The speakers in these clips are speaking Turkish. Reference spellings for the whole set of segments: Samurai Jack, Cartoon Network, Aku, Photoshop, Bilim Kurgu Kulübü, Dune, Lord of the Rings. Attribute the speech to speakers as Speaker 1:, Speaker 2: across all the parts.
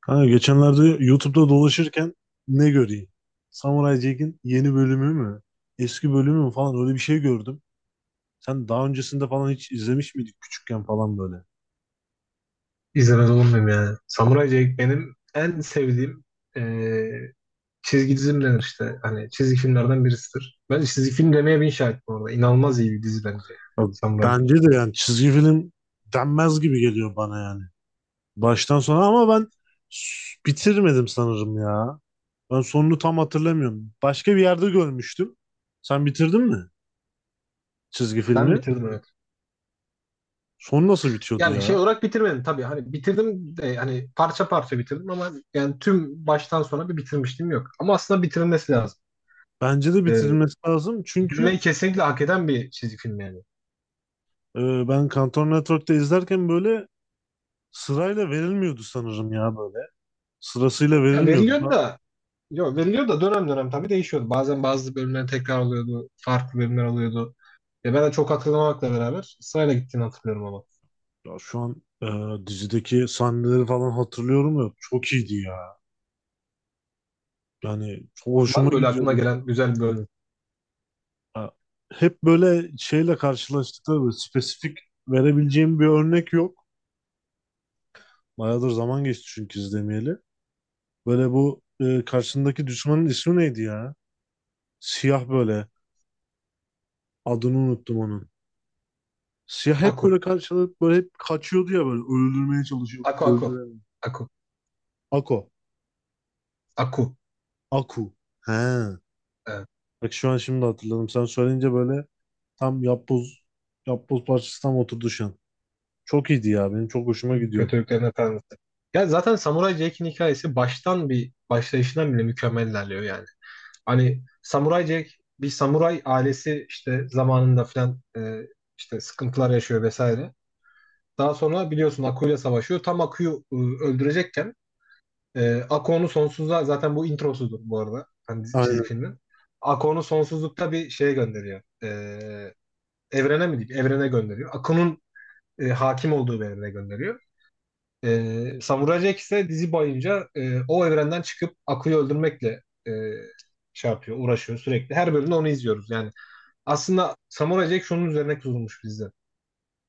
Speaker 1: Kanka geçenlerde YouTube'da dolaşırken ne göreyim? Samurai Jack'in yeni bölümü mü? Eski bölümü mü falan öyle bir şey gördüm. Sen daha öncesinde falan hiç izlemiş miydik küçükken falan böyle?
Speaker 2: İzlemez olur muyum yani? Samuray Jack benim en sevdiğim eee, çizgi dizimden işte. Hani çizgi filmlerden birisidir. Ben çizgi film demeye bin şahit bu arada. İnanılmaz iyi bir dizi bence. Yani,
Speaker 1: Ya
Speaker 2: Samuray Jack.
Speaker 1: bence de yani çizgi film denmez gibi geliyor bana yani. Baştan sona ama ben bitirmedim sanırım ya. Ben sonunu tam hatırlamıyorum. Başka bir yerde görmüştüm. Sen bitirdin mi çizgi
Speaker 2: Ben
Speaker 1: filmi?
Speaker 2: bitirdim, evet.
Speaker 1: Son nasıl bitiyordu
Speaker 2: Yani şey
Speaker 1: ya?
Speaker 2: olarak bitirmedim tabii. Hani bitirdim de hani parça parça bitirdim, ama yani tüm baştan sona bir bitirmişliğim yok. Ama aslında bitirilmesi lazım.
Speaker 1: Bence de
Speaker 2: Eee
Speaker 1: bitirilmesi lazım çünkü
Speaker 2: bitirmeyi kesinlikle hak eden bir çizgi film yani.
Speaker 1: Ben Kantor Network'te izlerken böyle sırayla verilmiyordu sanırım ya böyle. Sırasıyla
Speaker 2: Ya
Speaker 1: verilmiyordu.
Speaker 2: veriliyor
Speaker 1: Ben,
Speaker 2: da. Yok, veriliyor da dönem dönem tabii değişiyordu. Bazen bazı bölümler tekrar oluyordu. Farklı bölümler oluyordu. Ya, ben de çok hatırlamakla beraber sırayla gittiğini hatırlıyorum ama.
Speaker 1: ya şu an dizideki sahneleri falan hatırlıyorum ya çok iyiydi ya. Yani çok
Speaker 2: Var
Speaker 1: hoşuma
Speaker 2: mı böyle aklına
Speaker 1: gidiyordu.
Speaker 2: gelen güzel bir bölüm?
Speaker 1: Ya, hep böyle şeyle karşılaştıkları böyle spesifik verebileceğim bir örnek yok. Bayağıdır zaman geçti çünkü izlemeyeli. Böyle bu karşındaki düşmanın ismi neydi ya? Siyah böyle. Adını unuttum onun. Siyah hep
Speaker 2: Aku.
Speaker 1: böyle karşılık böyle hep kaçıyordu ya böyle öldürmeye çalışıyordu.
Speaker 2: Aku Aku.
Speaker 1: Öldüremedi.
Speaker 2: Aku.
Speaker 1: Ako.
Speaker 2: Aku.
Speaker 1: Aku. He.
Speaker 2: Evet.
Speaker 1: Bak şu an şimdi hatırladım. Sen söyleyince böyle tam yapboz parçası tam oturdu şu an. Çok iyiydi ya. Benim çok hoşuma gidiyordu.
Speaker 2: Kötülüklerin Efendisi. Ya zaten Samuray Jack'in hikayesi baştan bir başlayışından bile mükemmel ilerliyor yani. Hani Samuray Jack bir samuray ailesi işte zamanında filan, işte sıkıntılar yaşıyor vesaire. Daha sonra biliyorsun Aku'yla savaşıyor. Tam Aku'yu öldürecekken Ako'nun sonsuzluğa, zaten bu introsudur bu arada. Hani çizgi
Speaker 1: Aynen.
Speaker 2: filmin. Ako'nun sonsuzlukta bir şeye gönderiyor. Evrene mi diyeyim? Evrene gönderiyor. Ako'nun hakim olduğu bir evrene gönderiyor. Samurai Jack ise dizi boyunca o evrenden çıkıp Ako'yu öldürmekle e, şey yapıyor, uğraşıyor sürekli. Her bölümde onu izliyoruz. Yani aslında Samurai Jack şunun üzerine kurulmuş bizde.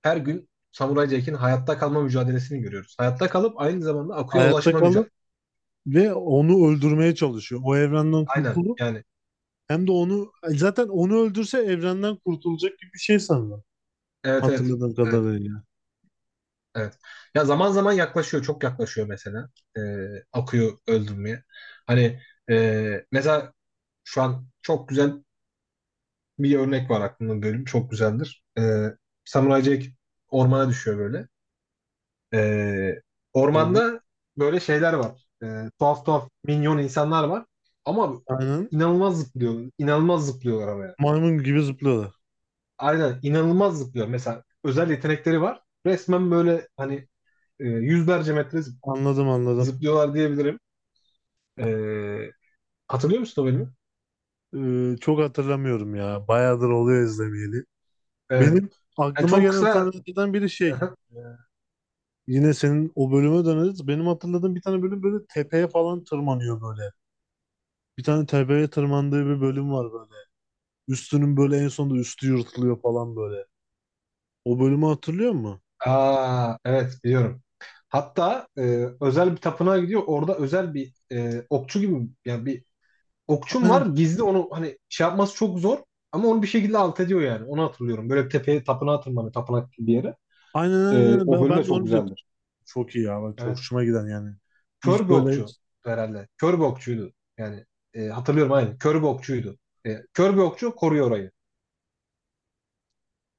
Speaker 2: Her gün Samurai Jack'in hayatta kalma mücadelesini görüyoruz. Hayatta kalıp aynı zamanda Aku'ya
Speaker 1: Hayatta
Speaker 2: ulaşma
Speaker 1: kalıp
Speaker 2: mücadelesi.
Speaker 1: ve onu öldürmeye çalışıyor. O evrenden
Speaker 2: Aynen
Speaker 1: kurtulup
Speaker 2: yani.
Speaker 1: hem de onu zaten öldürse evrenden kurtulacak gibi bir şey sanırım.
Speaker 2: Evet, evet.
Speaker 1: Hatırladığım
Speaker 2: Evet.
Speaker 1: kadarıyla.
Speaker 2: Evet. Ya, zaman zaman yaklaşıyor, çok yaklaşıyor mesela. Ee, akıyor öldürmeye. Hani, mesela şu an çok güzel bir örnek var aklımda bölüm. Çok güzeldir. Samurai Jack ormana düşüyor böyle. Ee,
Speaker 1: Aynen.
Speaker 2: ormanda böyle şeyler var. Tuhaf tuhaf minyon insanlar var. Ama
Speaker 1: Aynen.
Speaker 2: inanılmaz zıplıyor, inanılmaz zıplıyorlar ama yani.
Speaker 1: Maymun gibi zıplıyorlar.
Speaker 2: Aynen, inanılmaz zıplıyor. Mesela özel yetenekleri var. Resmen böyle hani yüzlerce metre
Speaker 1: Anladım.
Speaker 2: zıplıyorlar diyebilirim. Ee, hatırlıyor musun o bölümü?
Speaker 1: Çok hatırlamıyorum ya. Bayağıdır oluyor izlemeyeli.
Speaker 2: Evet.
Speaker 1: Benim
Speaker 2: Yani
Speaker 1: aklıma
Speaker 2: çok
Speaker 1: gelen
Speaker 2: kısa.
Speaker 1: sahnelerden biri şey. e, Yine senin o bölüme döneriz. Benim hatırladığım bir tane bölüm böyle tepeye falan tırmanıyor böyle. Bir tane tepeye tırmandığı bir bölüm var böyle. Üstünün böyle en sonunda üstü yırtılıyor falan böyle. O bölümü hatırlıyor musun?
Speaker 2: Aa, evet, biliyorum. Hatta özel bir tapınağa gidiyor. Orada özel bir okçu gibi, yani bir okçum var. Gizli, onu hani şey yapması çok zor. Ama onu bir şekilde alt ediyor yani. Onu hatırlıyorum. Böyle bir tepeye, tapınağa tırmanıyor. Tapınak gibi bir yere.
Speaker 1: Aynen aynen.
Speaker 2: E,
Speaker 1: aynen.
Speaker 2: o bölüm de
Speaker 1: Ben de
Speaker 2: çok
Speaker 1: onu diyordum.
Speaker 2: güzeldir.
Speaker 1: Çok iyi ya. Bak, çok
Speaker 2: Evet.
Speaker 1: hoşuma giden yani.
Speaker 2: Kör
Speaker 1: İlk
Speaker 2: bir
Speaker 1: böyle
Speaker 2: okçu herhalde. Kör bir okçuydu. Yani hatırlıyorum aynı. Kör bir okçuydu. Kör bir okçu koruyor orayı.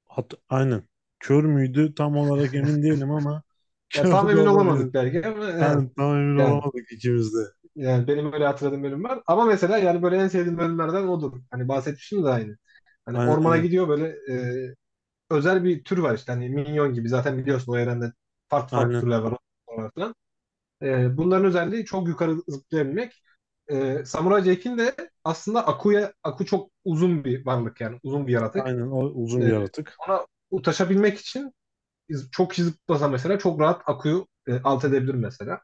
Speaker 1: aynen. Kör müydü? Tam olarak emin değilim ama
Speaker 2: Ya
Speaker 1: kör
Speaker 2: tam
Speaker 1: de
Speaker 2: emin
Speaker 1: olabilir.
Speaker 2: olamadık belki ama
Speaker 1: Aynen tam emin
Speaker 2: yani.
Speaker 1: olamadık ikimiz de.
Speaker 2: Yani benim öyle hatırladığım bölüm var. Ama mesela, yani böyle en sevdiğim bölümlerden odur. Hani bahsetmiştim de aynı. Hani
Speaker 1: Aynen
Speaker 2: ormana
Speaker 1: aynen.
Speaker 2: gidiyor böyle, e, özel bir tür var işte. Hani minyon gibi, zaten biliyorsun o evrende farklı farklı
Speaker 1: Aynen.
Speaker 2: türler var. Ormanlar falan. Bunların özelliği çok yukarı zıplayabilmek. Samurai Jack'in de aslında Aku'ya, Aku çok uzun bir varlık, yani uzun bir yaratık.
Speaker 1: Aynen. O uzun bir
Speaker 2: E,
Speaker 1: yaratık.
Speaker 2: ona ulaşabilmek için çok zıplasa mesela, çok rahat Aku'yu alt edebilir mesela.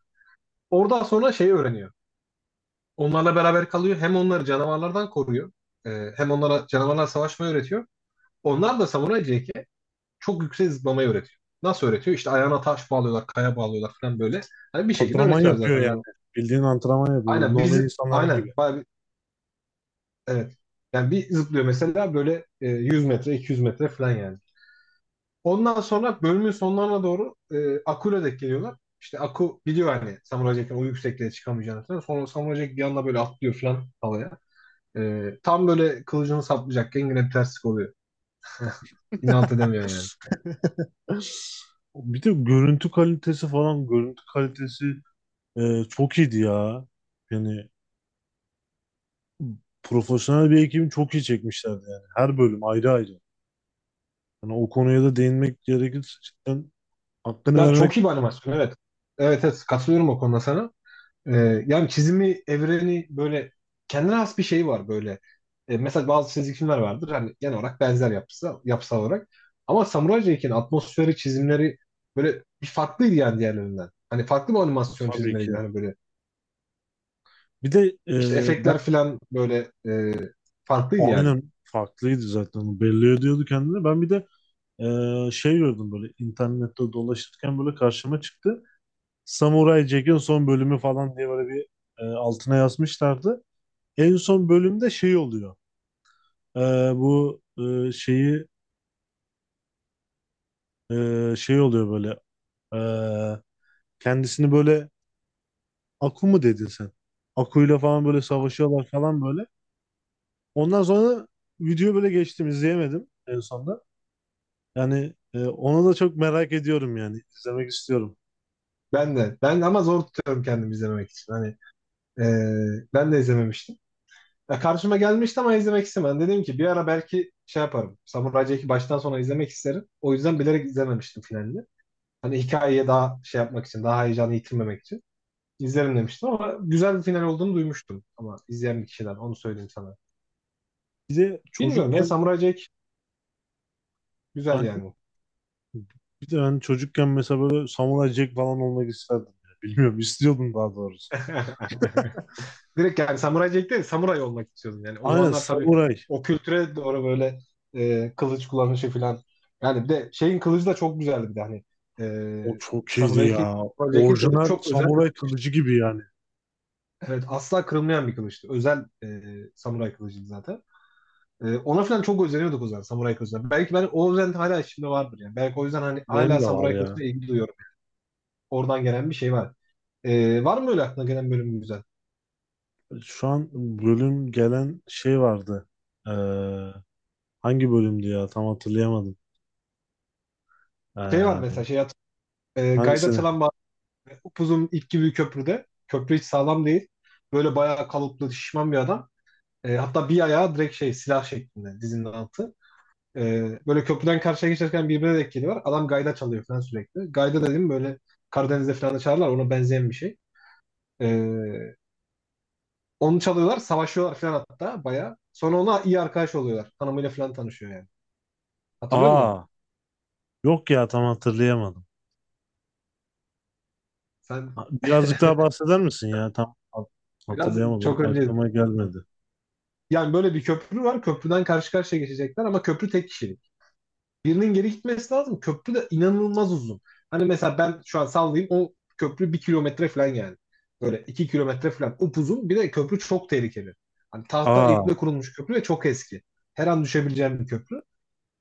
Speaker 2: Oradan sonra şeyi öğreniyor. Onlarla beraber kalıyor. Hem onları canavarlardan koruyor. Hem onlara canavarlar savaşmayı öğretiyor. Onlar da Samuray Jack'e çok yüksek zıplamayı öğretiyor. Nasıl öğretiyor? İşte ayağına taş bağlıyorlar, kaya bağlıyorlar falan böyle. Hani bir şekilde
Speaker 1: Antrenman
Speaker 2: öğretiyor
Speaker 1: yapıyor
Speaker 2: zaten. Hani
Speaker 1: yani. Bildiğin antrenman yapıyor. Böyle
Speaker 2: aynen,
Speaker 1: normal
Speaker 2: biz
Speaker 1: insanların gibi.
Speaker 2: aynen bayağı bir, evet. Yani bir zıplıyor mesela böyle, 100 metre, 200 metre falan yani. Ondan sonra bölümün sonlarına doğru Aku'yla denk geliyorlar. İşte Aku biliyor hani Samuray Jack'in o yüksekliğe çıkamayacağını falan. Sonra Samuray Jack bir anda böyle atlıyor falan havaya. Tam böyle kılıcını saplayacakken yine bir terslik oluyor. İnat edemiyor yani.
Speaker 1: Bir de görüntü kalitesi falan. Görüntü kalitesi çok iyiydi ya. Yani profesyonel bir ekibi çok iyi çekmişlerdi yani. Her bölüm ayrı ayrı. Yani o konuya da değinmek gerekirse cidden hakkını
Speaker 2: Ya,
Speaker 1: vermek
Speaker 2: çok iyi bir animasyon, evet. Evet, evet, katılıyorum o konuda sana. Yani çizimi, evreni böyle kendine has bir şey var böyle. Mesela bazı çizgi filmler vardır hani, genel olarak benzer yapısı, yapısal olarak. Ama Samurai Jack'in atmosferi, çizimleri böyle bir farklıydı yani diğerlerinden. Hani farklı bir animasyon
Speaker 1: tabii ki.
Speaker 2: çizimleriydi hani, böyle.
Speaker 1: Bir de
Speaker 2: İşte
Speaker 1: ben
Speaker 2: efektler falan böyle farklıydı yani.
Speaker 1: aynen farklıydı zaten. Belli ediyordu kendini. Ben bir de şey gördüm böyle internette dolaşırken böyle karşıma çıktı. Samurai Jack'in son bölümü falan diye böyle bir altına yazmışlardı. En son bölümde şey oluyor. E, bu şeyi şey oluyor böyle e, kendisini böyle Aku mu dedin sen? Akuyla falan böyle savaşıyorlar falan böyle. Ondan sonra video böyle geçtim izleyemedim en sonunda. Yani onu da çok merak ediyorum yani izlemek istiyorum.
Speaker 2: Ben de. Ben ama zor tutuyorum kendimi izlememek için. Hani, Ee, ben de izlememiştim. Ya, karşıma gelmişti ama izlemek istemedim. Dedim ki bir ara belki şey yaparım. Samuray Jack'i baştan sona izlemek isterim. O yüzden bilerek izlememiştim finalini. Hani hikayeye daha şey yapmak için, daha heyecanı yitirmemek için izlerim demiştim ama güzel bir final olduğunu duymuştum. Ama izleyen bir kişiden, onu söyleyeyim sana.
Speaker 1: Bir de
Speaker 2: Bilmiyorum ya,
Speaker 1: çocukken
Speaker 2: Samuray Jack güzel
Speaker 1: hani,
Speaker 2: yani.
Speaker 1: bir de hani çocukken mesela böyle Samuray Jack falan olmak isterdim. Ya. Bilmiyorum istiyordum daha doğrusu.
Speaker 2: Direkt yani samuray Jack değil, samuray olmak istiyordum. Yani o
Speaker 1: Aynen
Speaker 2: zamanlar tabii
Speaker 1: Samuray.
Speaker 2: o kültüre doğru böyle, kılıç kullanışı falan. Yani bir de şeyin kılıcı da çok güzeldi bir de, hani. E,
Speaker 1: O çok iyiydi
Speaker 2: samuray Jack'in
Speaker 1: ya.
Speaker 2: Samurai Jack'in kılıcı
Speaker 1: Orijinal
Speaker 2: çok özel bir
Speaker 1: Samuray
Speaker 2: kılıç.
Speaker 1: kılıcı gibi yani.
Speaker 2: Evet, asla kırılmayan bir kılıçtı. Özel samuray kılıcıydı zaten. Ona falan çok özeniyorduk o zaman samuray kılıcına. Belki ben o özen hala içimde vardır yani. Belki o yüzden hani
Speaker 1: Benim
Speaker 2: hala
Speaker 1: de var
Speaker 2: samuray
Speaker 1: ya.
Speaker 2: kılıcına ilgi duyuyorum. Oradan gelen bir şey var. Var mı öyle aklına gelen bölüm güzel?
Speaker 1: Şu an bölüm gelen şey vardı. Ee, hangi bölümdü ya tam hatırlayamadım.
Speaker 2: Şey var
Speaker 1: Ee,
Speaker 2: mesela, şey hatırlıyorum. Gayda
Speaker 1: hangisini?
Speaker 2: Çalan. Upuzun ip gibi bir köprüde. Köprü hiç sağlam değil. Böyle bayağı kalıplı, şişman bir adam. Hatta bir ayağı direkt şey, silah şeklinde dizinin altı. E, böyle köprüden karşıya geçerken birbirine denk geliyorlar. Adam gayda çalıyor falan sürekli. Gayda dediğim böyle Karadeniz'de falan da çalarlar. Ona benzeyen bir şey. E, onu çalıyorlar. Savaşıyorlar falan hatta, bayağı. Sonra ona iyi arkadaş oluyorlar. Hanımıyla falan tanışıyor yani. Hatırlıyor musun onu?
Speaker 1: Aa, yok ya tam hatırlayamadım.
Speaker 2: Sen
Speaker 1: Birazcık daha bahseder misin ya?
Speaker 2: biraz çok
Speaker 1: Hatırlayamadım.
Speaker 2: önce
Speaker 1: Aklıma gelmedi.
Speaker 2: yani, böyle bir köprü var. Köprüden karşı karşıya geçecekler ama köprü tek kişilik. Birinin geri gitmesi lazım. Köprü de inanılmaz uzun. Hani mesela, ben şu an sallayayım, o köprü 1 kilometre falan yani. Böyle 2 kilometre falan upuzun. Bir de köprü çok tehlikeli. Hani tahta iple
Speaker 1: Aa,
Speaker 2: kurulmuş köprü ve çok eski. Her an düşebileceğim bir köprü.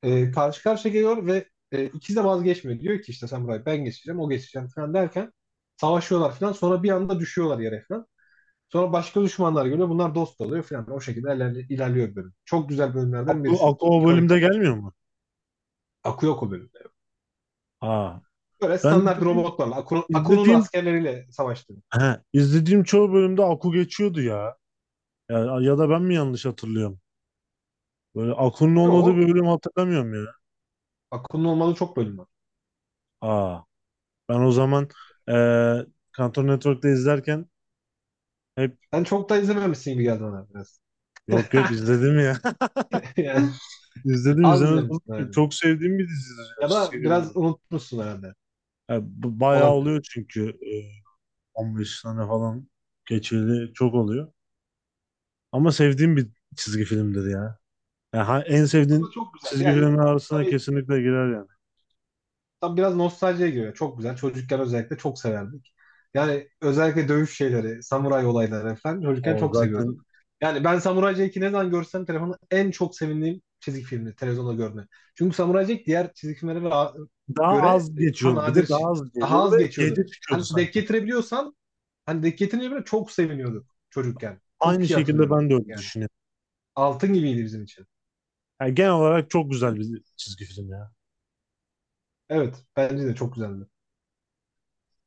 Speaker 2: Karşı karşıya geliyor ve ikisi de vazgeçmiyor. Diyor ki, işte sen burayı, ben geçeceğim, o geçeceğim falan derken savaşıyorlar falan. Sonra bir anda düşüyorlar yere falan. Sonra başka düşmanlar geliyor. Bunlar dost oluyor falan. O şekilde ilerliyor bölüm. Çok güzel bölümlerden
Speaker 1: Aku, Aku
Speaker 2: birisidir.
Speaker 1: o bölümde
Speaker 2: İkoniktir yani.
Speaker 1: gelmiyor mu?
Speaker 2: Akıyor o bölüm.
Speaker 1: Aa,
Speaker 2: Böyle
Speaker 1: ben
Speaker 2: standart robotlarla, Akun'un
Speaker 1: izlediğim
Speaker 2: askerleriyle savaştı.
Speaker 1: he, izlediğim çoğu bölümde Aku geçiyordu ya. Ya, ya da ben mi yanlış hatırlıyorum? Böyle Aku'nun olmadığı
Speaker 2: Yo,
Speaker 1: bir bölüm hatırlamıyorum ya.
Speaker 2: Akun'un olmadığı çok bölüm var.
Speaker 1: Aa, ben o zaman eee Cartoon Network'te izlerken hep
Speaker 2: Sen çok da izlememişsin gibi geldi bana biraz.
Speaker 1: yok yok izledim ya.
Speaker 2: Yani
Speaker 1: İzledim,
Speaker 2: az
Speaker 1: izlemez olur
Speaker 2: izlemişsin
Speaker 1: muyum?
Speaker 2: herhalde.
Speaker 1: Çok sevdiğim bir dizidir ya
Speaker 2: Ya da
Speaker 1: çizgi
Speaker 2: biraz
Speaker 1: film.
Speaker 2: unutmuşsun herhalde.
Speaker 1: Yani bu bayağı
Speaker 2: Olabilir.
Speaker 1: oluyor çünkü 15 tane falan geçeli çok oluyor. Ama sevdiğim bir çizgi filmdir ya. Yani en
Speaker 2: Ama
Speaker 1: sevdiğin
Speaker 2: çok güzeldi.
Speaker 1: çizgi
Speaker 2: Yani
Speaker 1: filmler arasına
Speaker 2: tabii.
Speaker 1: kesinlikle girer yani.
Speaker 2: Tam biraz nostaljiye giriyor. Çok güzel. Çocukken özellikle çok severdik. Yani özellikle dövüş şeyleri, samuray olayları falan çocukken
Speaker 1: O
Speaker 2: çok
Speaker 1: zaten
Speaker 2: seviyorduk. Yani ben Samuray Jack'i ne zaman görsem telefonda, en çok sevindiğim çizgi filmi televizyonda görme. Çünkü Samuray Jack diğer çizgi filmlere
Speaker 1: daha
Speaker 2: göre
Speaker 1: az
Speaker 2: daha
Speaker 1: geçiyordu. Bir
Speaker 2: nadir
Speaker 1: de
Speaker 2: şey.
Speaker 1: daha az
Speaker 2: Daha
Speaker 1: geliyordu ve
Speaker 2: az geçiyordu.
Speaker 1: gece çıkıyordu
Speaker 2: Hani
Speaker 1: sanki.
Speaker 2: denk getirebiliyorsan, hani denk getirince bile çok seviniyorduk çocukken.
Speaker 1: Aynı
Speaker 2: Çok iyi
Speaker 1: şekilde
Speaker 2: hatırlıyorum.
Speaker 1: ben de öyle
Speaker 2: Yani
Speaker 1: düşünüyorum.
Speaker 2: altın gibiydi bizim için.
Speaker 1: Yani genel olarak çok güzel bir çizgi film ya.
Speaker 2: Evet, bence de çok güzeldi.